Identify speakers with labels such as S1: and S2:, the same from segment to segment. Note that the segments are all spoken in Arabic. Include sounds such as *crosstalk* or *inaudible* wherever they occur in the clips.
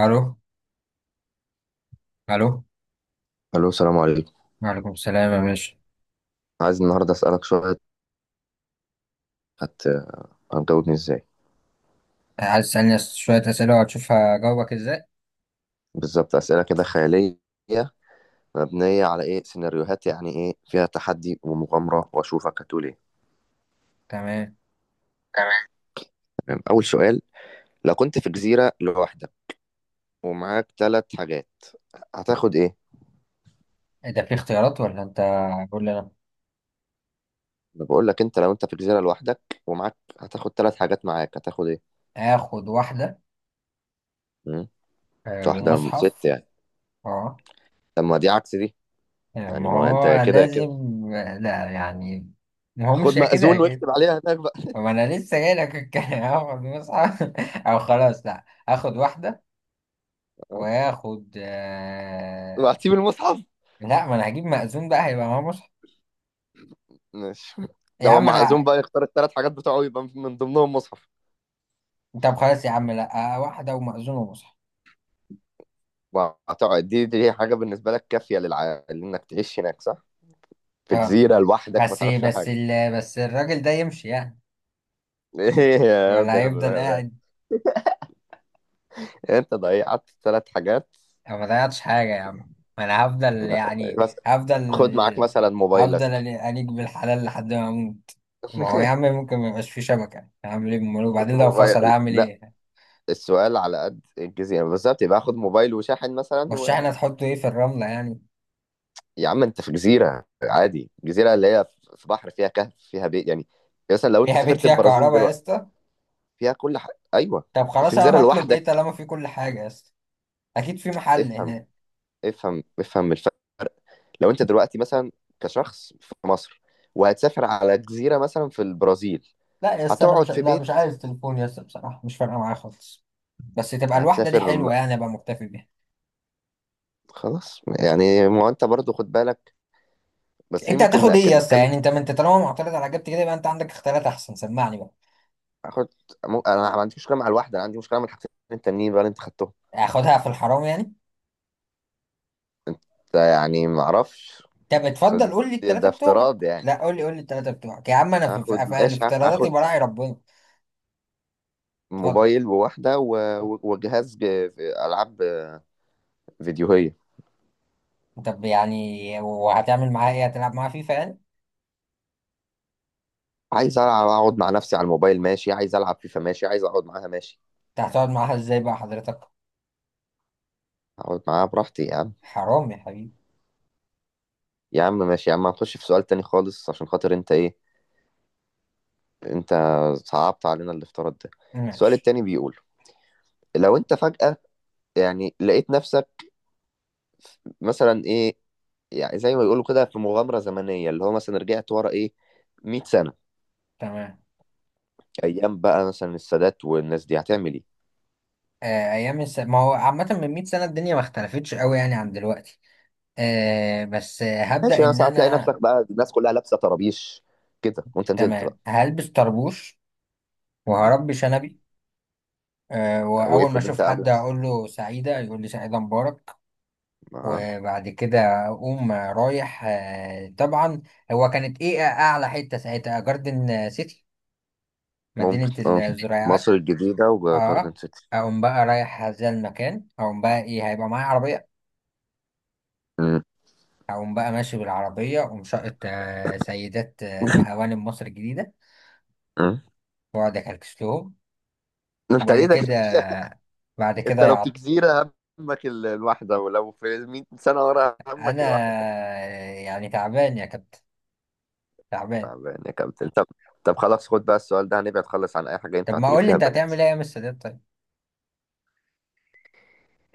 S1: الو. الو.
S2: الو، السلام عليكم.
S1: وعليكم السلام يا باشا.
S2: عايز النهارده اسالك شويه. هت... هتجاوبني ازاي؟
S1: عايز تسألني شوية أسئلة وهتشوف هجاوبك ازاي.
S2: بالظبط اسئله كده خياليه، مبنيه على ايه سيناريوهات، يعني ايه فيها تحدي ومغامره، واشوفك هتقول ايه.
S1: تمام.
S2: تمام. تمام، اول سؤال. لو كنت في جزيره لوحدك ومعاك ثلاث حاجات، هتاخد ايه؟
S1: إيه ده، في اختيارات ولا انت قول لي انا؟
S2: انا بقول لك انت، لو انت في جزيره لوحدك ومعاك هتاخد ثلاث حاجات، معاك هتاخد ايه؟
S1: هاخد واحدة
S2: مم؟
S1: آه
S2: ست
S1: ومصحف.
S2: يعني؟
S1: اه.
S2: طب ما دي عكس دي.
S1: آه،
S2: يعني
S1: ما
S2: ما هو انت يا
S1: هو
S2: كده يا
S1: لازم.
S2: كده.
S1: آه، لا يعني، ما هو مش
S2: خد
S1: يا كده يا
S2: مأذون
S1: كده.
S2: واكتب عليها هناك بقى.
S1: ما انا لسه جاي لك الكلام *laughs* هاخد مصحف *laughs* او خلاص، لا هاخد واحدة
S2: *laughs*
S1: وهاخد
S2: واعطيه بالمصحف.
S1: لا، ما انا هجيب مأذون بقى، هيبقى معاه مصحف.
S2: ماشي.
S1: يا
S2: هو
S1: عم
S2: معزوم
S1: انا.
S2: بقى يختار الثلاث حاجات بتوعه، يبقى من ضمنهم مصحف.
S1: طب خلاص يا عم، لا آه، واحدة ومأذون ومصحف.
S2: وهتقعد دي حاجة بالنسبة لك كافية لإنك تعيش هناك، صح؟ في
S1: اه،
S2: جزيرة لوحدك ما
S1: بس
S2: تعرفش
S1: بس
S2: حاجة.
S1: ال... بس الراجل ده يمشي يعني
S2: *laughs* إيه يا
S1: ولا هيفضل قاعد؟
S2: أنت ضيعت ثلاث حاجات.
S1: أو ما ضيعتش حاجة يا عم، ما أنا هفضل يعني
S2: بس
S1: هفضل
S2: خد معاك مثلا
S1: هفضل
S2: موبايلك.
S1: أليق بالحلال لحد ما أموت. ما هو يا عم
S2: *laughs*
S1: ممكن ما يبقاش فيه شبكة، هعمل إيه أمال؟
S2: خد
S1: وبعدين لو فصل
S2: موبايل،
S1: هعمل
S2: لا.
S1: إيه؟
S2: السؤال على قد الجزيرة يعني، بالظبط يبقى خد موبايل وشاحن مثلا.
S1: والشحنة تحطه إيه، في الرملة يعني؟
S2: يا عم، أنت في جزيرة عادي، جزيرة اللي هي في بحر فيها كهف فيها بيت يعني. مثلا لو أنت
S1: فيها بيت
S2: سافرت
S1: فيها
S2: البرازيل
S1: كهرباء يا
S2: دلوقتي،
S1: اسطى؟
S2: فيها كل حاجة، أيوه.
S1: طب خلاص،
S2: الفنجانة
S1: أنا هطلب إيه
S2: لوحدك.
S1: طالما في كل حاجة يا اسطى؟ أكيد في محل
S2: افهم،
S1: هناك.
S2: افهم افهم الفرق. لو أنت دلوقتي مثلا كشخص في مصر وهتسافر على جزيرة مثلا في البرازيل،
S1: لا يا اسطى أنا مش،
S2: هتقعد في
S1: لا
S2: بيت.
S1: مش عايز تليفون يا اسطى بصراحة، مش فارقة معايا خالص. بس تبقى الواحدة دي
S2: هتسافر م-
S1: حلوة يعني، أبقى مكتفي بيها.
S2: خلاص يعني، ما هو أنت برضه خد بالك. بس دي
S1: انت
S2: ممكن
S1: هتاخد ايه يا اسطى؟
S2: نتكلم.
S1: يعني انت، ما انت طالما معترض على اجابتي كده، يبقى انت عندك اختيارات احسن، سمعني بقى.
S2: أخد. أنا ما عنديش مشكلة مع الواحدة، أنا عندي مشكلة مع الحاجتين التانيين بقى اللي أنت خدتهم.
S1: اخدها في الحرام يعني؟
S2: ده يعني ما أعرفش.
S1: طب اتفضل قول لي التلاتة
S2: ده
S1: بتوعك.
S2: افتراض يعني.
S1: لا قول لي، قول لي التلاتة بتوعك يا عم، انا في, في,
S2: هاخد،
S1: في
S2: ماشي.
S1: الافتراضات
S2: هاخد
S1: يبقى راعي ربنا. اتفضل.
S2: موبايل وواحدة وجهاز ألعاب فيديوهيه.
S1: طب يعني وهتعمل معاها ايه، هتلعب معاها فيفا يعني؟
S2: عايز العب اقعد مع نفسي على الموبايل ماشي، عايز العب فيفا ماشي، عايز اقعد معاها ماشي.
S1: انت هتقعد معاها ازاي بقى حضرتك؟
S2: اقعد معاها براحتي يا عم.
S1: حرام يا حبيبي.
S2: يا عم ماشي، يا عم هنخش في سؤال تاني خالص عشان خاطر انت، ايه انت، صعبت علينا الافتراض ده. السؤال
S1: ماشي.
S2: التاني بيقول، لو انت فجأة يعني لقيت نفسك مثلا ايه، يعني زي ما بيقولوا كده في مغامرة زمنية، اللي هو مثلا رجعت ورا ايه 100 سنة،
S1: تمام.
S2: ايام بقى مثلا السادات والناس دي، هتعمل ايه؟
S1: ما هو عامة من 100 سنة الدنيا ما اختلفتش قوي يعني عن دلوقتي. آه بس آه،
S2: ماشي،
S1: هبدأ
S2: انا
S1: ان
S2: ساعة تلاقي
S1: انا،
S2: نفسك بقى الناس كلها لابسة طرابيش كده، وانت نزلت بقى.
S1: تمام، هلبس طربوش
S2: م.
S1: وهربي شنبي. آه، وأول ما
S2: وافرض
S1: أشوف
S2: انت
S1: حد
S2: قبلك.
S1: أقول له سعيدة يقول لي سعيدة مبارك.
S2: آه.
S1: وبعد كده أقوم رايح، آه، طبعا، هو كانت إيه أعلى حتة ساعتها؟ جاردن سيتي، مدينة
S2: ممكن اه. مصر
S1: الزراعات.
S2: الجديدة وجاردن
S1: أه.
S2: سيتي.
S1: أقوم بقى رايح هذا المكان، أقوم بقى إيه، هيبقى معايا عربية.
S2: مم.
S1: أقوم بقى ماشي بالعربية، أقوم شقة آه، سيدات آه، وهوانم مصر الجديدة،
S2: مم.
S1: وأقعد أكلكس لهم.
S2: انت
S1: وبعد
S2: ليه ده كده؟
S1: كده، بعد
S2: *laughs* انت
S1: كده يا
S2: لو في
S1: عط،
S2: جزيرة همك الواحدة، ولو في 100 سنة ورا همك
S1: أنا
S2: الواحدة.
S1: آه، يعني تعبان يا كابتن، تعبان.
S2: تعبان يا كابتن. طب، طب خلاص، خد بقى السؤال ده، هنبعد خالص عن أي حاجة
S1: طب
S2: ينفع
S1: ما
S2: تجيب
S1: قول لي
S2: فيها
S1: انت
S2: بنات.
S1: هتعمل ايه ايام السادات طيب؟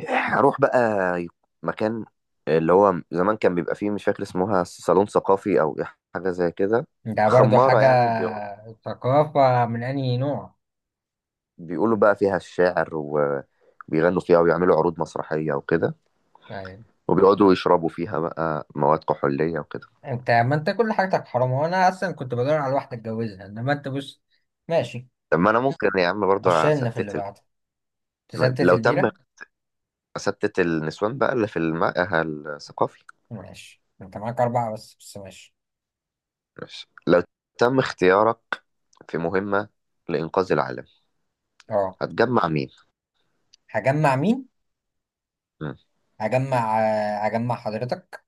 S2: هروح بقى مكان اللي هو زمان كان بيبقى فيه، مش فاكر اسمها، صالون ثقافي أو حاجة زي كده.
S1: انت برضو
S2: خمارة
S1: حاجة؟
S2: يعني
S1: ثقافة من انهي نوع
S2: بيقولوا بقى فيها الشعر، وبيغنوا فيها، ويعملوا عروض مسرحية وكده،
S1: يعني؟
S2: وبيقعدوا يشربوا فيها بقى مواد كحولية وكده.
S1: انت، ما انت كل حاجتك حرام، وانا اصلا كنت بدور على واحدة اتجوزها، انما انت بص، ماشي.
S2: طب ما انا ممكن يا عم
S1: خش
S2: برضه
S1: لنا في اللي
S2: استت
S1: بعده. تستت
S2: لو تم،
S1: البيرة.
S2: استت النسوان بقى اللي في المعهد الثقافي.
S1: ماشي، انت معاك اربعة بس، بس ماشي.
S2: ماشي. لو تم اختيارك في مهمة لإنقاذ العالم،
S1: اه.
S2: هتجمع مين؟
S1: هجمع مين؟
S2: مم.
S1: هجمع آه، هجمع حضرتك.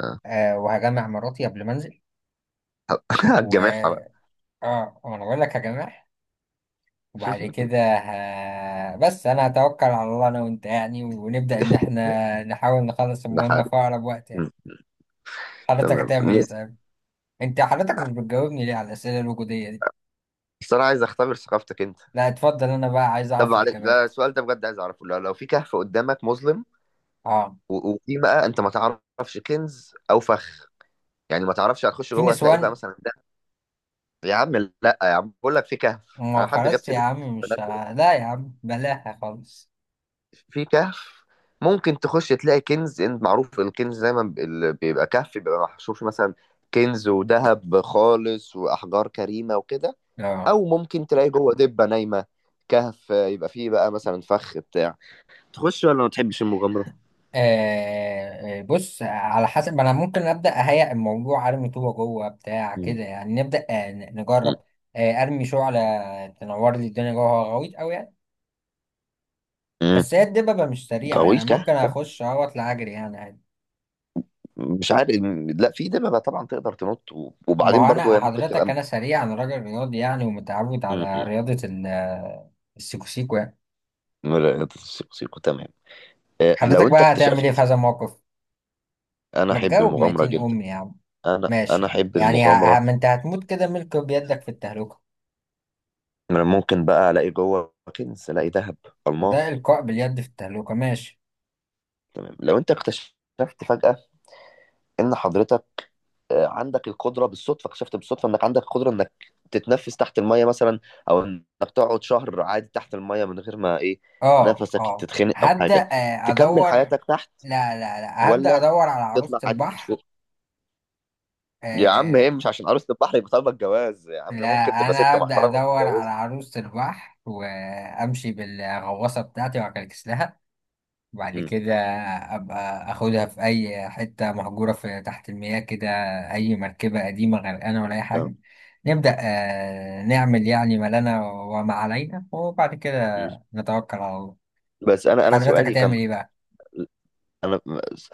S2: آه.
S1: آه وهجمع مراتي قبل ما انزل.
S2: *laughs* هتجمعها بقى.
S1: و، اه وانا بقول لك هجمع. وبعد كده
S2: *laughs*
S1: بس انا هتوكل على الله انا وانت يعني، ونبدأ ان احنا نحاول نخلص
S2: ده
S1: المهمة
S2: حقيقي.
S1: في اقرب وقت يعني.
S2: مم.
S1: حضرتك
S2: تمام
S1: هتعمل ايه
S2: نس-
S1: طيب؟ انت حضرتك مش بتجاوبني ليه على الأسئلة الوجودية دي؟
S2: بس انا عايز اختبر ثقافتك انت.
S1: لا اتفضل، انا بقى عايز
S2: طب
S1: اعرف
S2: معلش، لا،
S1: الإجابات.
S2: السؤال ده بجد عايز اعرفه، لو في كهف قدامك مظلم،
S1: اه.
S2: وفي بقى، انت ما تعرفش كنز او فخ، يعني ما تعرفش هتخش
S1: في
S2: جوه هتلاقي بقى
S1: نسوان.
S2: مثلا ده. يا عم لا، يا عم بقول لك في كهف،
S1: ما
S2: انا حد جاب
S1: خلاص يا
S2: سيره
S1: عم مش
S2: بنات.
S1: لا يا عم بلاها خالص.
S2: في كهف، ممكن تخش تلاقي كنز، انت معروف الكنز دايما اللي بيبقى كهف بيبقى محشور فيه مثلا كنز وذهب خالص واحجار كريمه وكده.
S1: اه.
S2: او ممكن تلاقي جوه دبه نايمه. كهف، يبقى فيه بقى مثلا فخ بتاع، تخش ولا ما تحبش المغامره؟
S1: آه آه، بص، على حسب، ما انا ممكن ابدا اهيئ الموضوع، ارمي طوبه جوه بتاع
S2: مم.
S1: كده يعني، نبدا آه نجرب. آه ارمي شعله تنور لي الدنيا جوه، غويط قوي يعني.
S2: مم.
S1: بس هي الدببه مش سريعه يعني،
S2: غويط كهف،
S1: ممكن اخش اهو اطلع اجري يعني عادي.
S2: مش عارف. لا، في دببة طبعا تقدر تنط،
S1: ما
S2: وبعدين
S1: هو
S2: برضو
S1: انا
S2: هي ممكن
S1: حضرتك،
S2: تبقى.
S1: انا سريع، انا راجل رياضي يعني، ومتعود على
S2: مم.
S1: رياضه آه، السيكوسيكو يعني.
S2: لا، لا، سيكو تمام. لو
S1: حضرتك
S2: انت
S1: بقى هتعمل ايه في
S2: اكتشفت،
S1: هذا الموقف؟
S2: انا
S1: ما
S2: احب
S1: تجاوب
S2: المغامره
S1: ميتين
S2: جدا.
S1: امي يا عم.
S2: انا
S1: ماشي
S2: انا
S1: يعني،
S2: احب المغامره.
S1: ما انت هتموت كده، ملك بيدك في التهلكه.
S2: أنا ممكن بقى الاقي جوه كنز، الاقي ذهب،
S1: ده
S2: الماس.
S1: إلقاء باليد في التهلوكة، ماشي.
S2: تمام، لو انت اكتشفت فجاه ان حضرتك عندك القدره، بالصدفه اكتشفت بالصدفه انك عندك قدره انك تتنفس تحت الميه مثلا، او انك تقعد شهر عادي تحت الميه من غير ما ايه
S1: اه
S2: نفسك
S1: اه.
S2: تتخنق او
S1: هبدأ
S2: حاجه،
S1: آه،
S2: تكمل
S1: أدور.
S2: حياتك تحت
S1: لا لا لا، هبدأ
S2: ولا
S1: أدور على عروسة
S2: تطلع عادي؟
S1: البحر. آه
S2: يا عم، هي
S1: آه.
S2: مش عشان عروسة البحر يبقى طالبة الجواز، يا عم
S1: لا،
S2: ممكن تبقى
S1: أنا
S2: ست
S1: هبدأ
S2: محترمة
S1: أدور على
S2: وتتجوز.
S1: عروسة البحر، وأمشي بالغواصة بتاعتي وأكلكس لها. وبعد
S2: امم.
S1: كده أبقى أخدها في أي حتة مهجورة في تحت المياه كده، أي مركبة قديمة غرقانة ولا أي
S2: تمام.
S1: حاجة. نبدأ آه نعمل يعني ما لنا وما علينا، وبعد كده
S2: أمم.
S1: نتوكل على الله.
S2: بس انا
S1: حضرتك
S2: سؤالي كان،
S1: هتعمل إيه بقى؟
S2: انا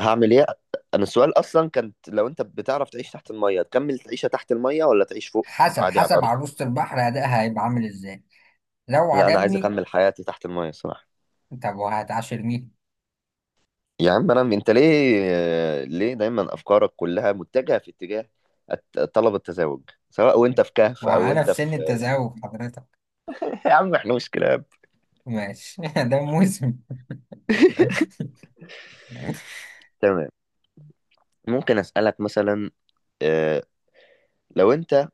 S2: هعمل ايه. انا السؤال اصلا كانت، لو انت بتعرف تعيش تحت المية تكمل تعيشها تحت المية ولا تعيش فوق
S1: حسب،
S2: عادي على
S1: حسب
S2: الارض.
S1: عروسة البحر أدائها هيبقى عامل إزاي. لو
S2: لا انا عايز
S1: عجبني.
S2: اكمل حياتي تحت المية صراحة.
S1: طب وهتعاشر مين؟
S2: يا عم انا، انت ليه، دايما افكارك كلها متجهة في اتجاه طلب التزاوج، سواء وانت في كهف او
S1: وأنا
S2: انت
S1: في سن
S2: في.
S1: التزاوج حضرتك.
S2: *laughs* يا عم احنا مش كلاب.
S1: ماشي *laughs* ده موسم.
S2: تمام. ممكن اسالك مثلا، آه، لو انت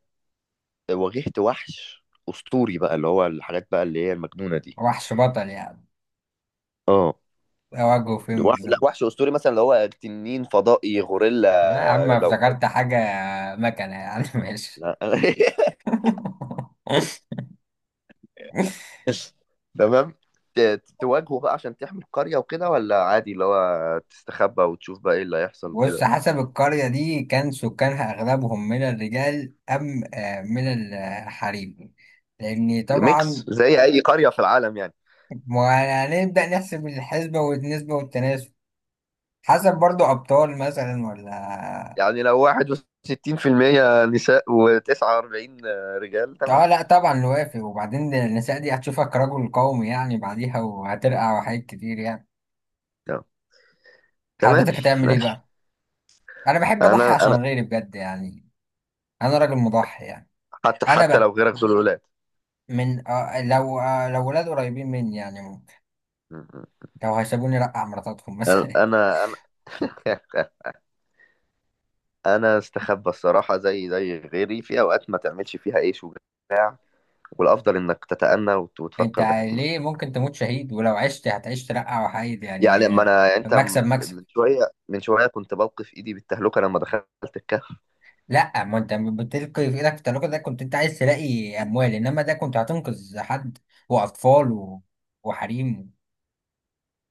S2: واجهت وحش اسطوري بقى اللي هو الحاجات بقى اللي هي المجنونه دي.
S1: وحش بطل يعني؟
S2: اه.
S1: أواجهه فين
S2: وحش، لا
S1: بالظبط؟
S2: وحش اسطوري مثلا اللي هو تنين فضائي غوريلا
S1: أما
S2: لو.
S1: افتكرت حاجة، مكنة يعني *laughs* ماشي.
S2: لا. *laughs* تمام. تواجهه بقى عشان تحمي القريه وكده، ولا عادي اللي هو تستخبى وتشوف بقى ايه اللي هيحصل
S1: بص،
S2: وكده؟
S1: حسب القرية دي، كان سكانها أغلبهم من الرجال أم آه، من الحريم؟ لأن
S2: ميكس
S1: طبعا
S2: زي اي قريه في العالم يعني.
S1: ما هنبدأ نحسب الحسبة والنسبة والتناسب. حسب برضو ابطال مثلا ولا؟
S2: يعني لو 61% نساء و49 رجال،
S1: اه آه،
S2: تمام،
S1: لا طبعا نوافق، وبعدين النساء دي هتشوفك رجل قومي يعني بعديها، وهترقع وحاجات كتير يعني.
S2: تمام، تمام.
S1: حضرتك هتعمل ايه
S2: ماشي،
S1: بقى؟ انا بحب اضحي
S2: انا
S1: عشان
S2: انا
S1: غيري بجد يعني، انا راجل مضحي يعني.
S2: حتى
S1: انا
S2: حتى
S1: بقى،
S2: لو غيرك دول ولاد،
S1: من اه لو، اه لو ولاد قريبين مني يعني ممكن، لو هيسيبوني رقع مراتاتهم *laughs* مثلا.
S2: انا *laughs* انا استخبى الصراحه، زي غيري في اوقات ما تعملش فيها اي شجاع، والافضل انك تتأنى
S1: انت
S2: وتفكر بحكمه.
S1: ليه ممكن تموت شهيد، ولو عشت هتعيش ترقع وحيد
S2: يعني
S1: يعني،
S2: اما
S1: آه،
S2: انا، يعني انت
S1: مكسب مكسب.
S2: من شويه، من شويه كنت بوقف ايدي بالتهلكه لما دخلت الكهف.
S1: لا، ما انت بتلقي في ايدك في التلاجة، ده كنت انت عايز تلاقي اموال، انما ده كنت هتنقذ حد واطفال وحريم.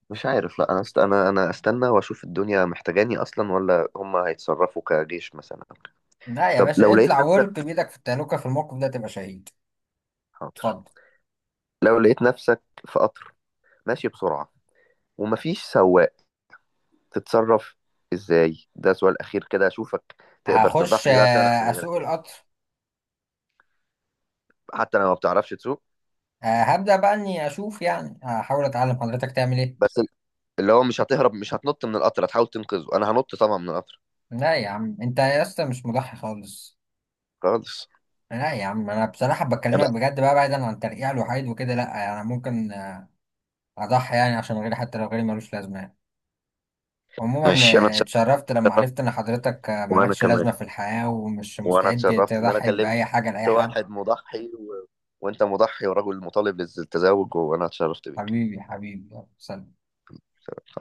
S2: مش عارف، لا انا استنى واشوف الدنيا محتاجاني اصلا، ولا هم هيتصرفوا كجيش مثلا.
S1: لا يا
S2: طب
S1: باشا،
S2: لو لقيت
S1: اطلع والقي
S2: نفسك،
S1: بايدك في التلاجة، في الموقف ده تبقى شهيد.
S2: حاضر.
S1: اتفضل.
S2: لو لقيت نفسك في قطر ماشي بسرعه، ومفيش سواق، تتصرف ازاي؟ ده سؤال اخير كده، اشوفك تقدر
S1: هخش
S2: تضحي بقى فعلا عشان
S1: آه،
S2: غيرك
S1: اسوق القطر.
S2: حتى لو ما بتعرفش تسوق،
S1: آه، هبدأ بقى اني اشوف يعني، هحاول اتعلم. حضرتك تعمل ايه؟
S2: بس اللي هو مش هتهرب، مش هتنط من القطر، هتحاول تنقذه. انا هنط طبعا من القطر.
S1: لا يا عم، انت يا اسطى مش مضحي خالص.
S2: خالص.
S1: لا يا عم انا بصراحة بكلمك بجد بقى، بعيدا عن ترقيع الوحيد وكده، لا انا ممكن آه، اضحي يعني عشان غيري، حتى لو غيري ملوش لازمة، عموما.
S2: انا مش، انا
S1: آه،
S2: اتشرفت.
S1: اتشرفت لما عرفت ان حضرتك آه،
S2: وانا
S1: مالكش
S2: كمان،
S1: لازمة في الحياة، ومش
S2: وانا
S1: مستعد
S2: اتشرفت ان انا
S1: تضحي
S2: كلمت
S1: بأي حاجة لأي حد.
S2: واحد مضحي وانت مضحي، ورجل مطالب بالتزاوج، وانا اتشرفت بيك.
S1: حبيبي، حبيبي، يلا، سلام.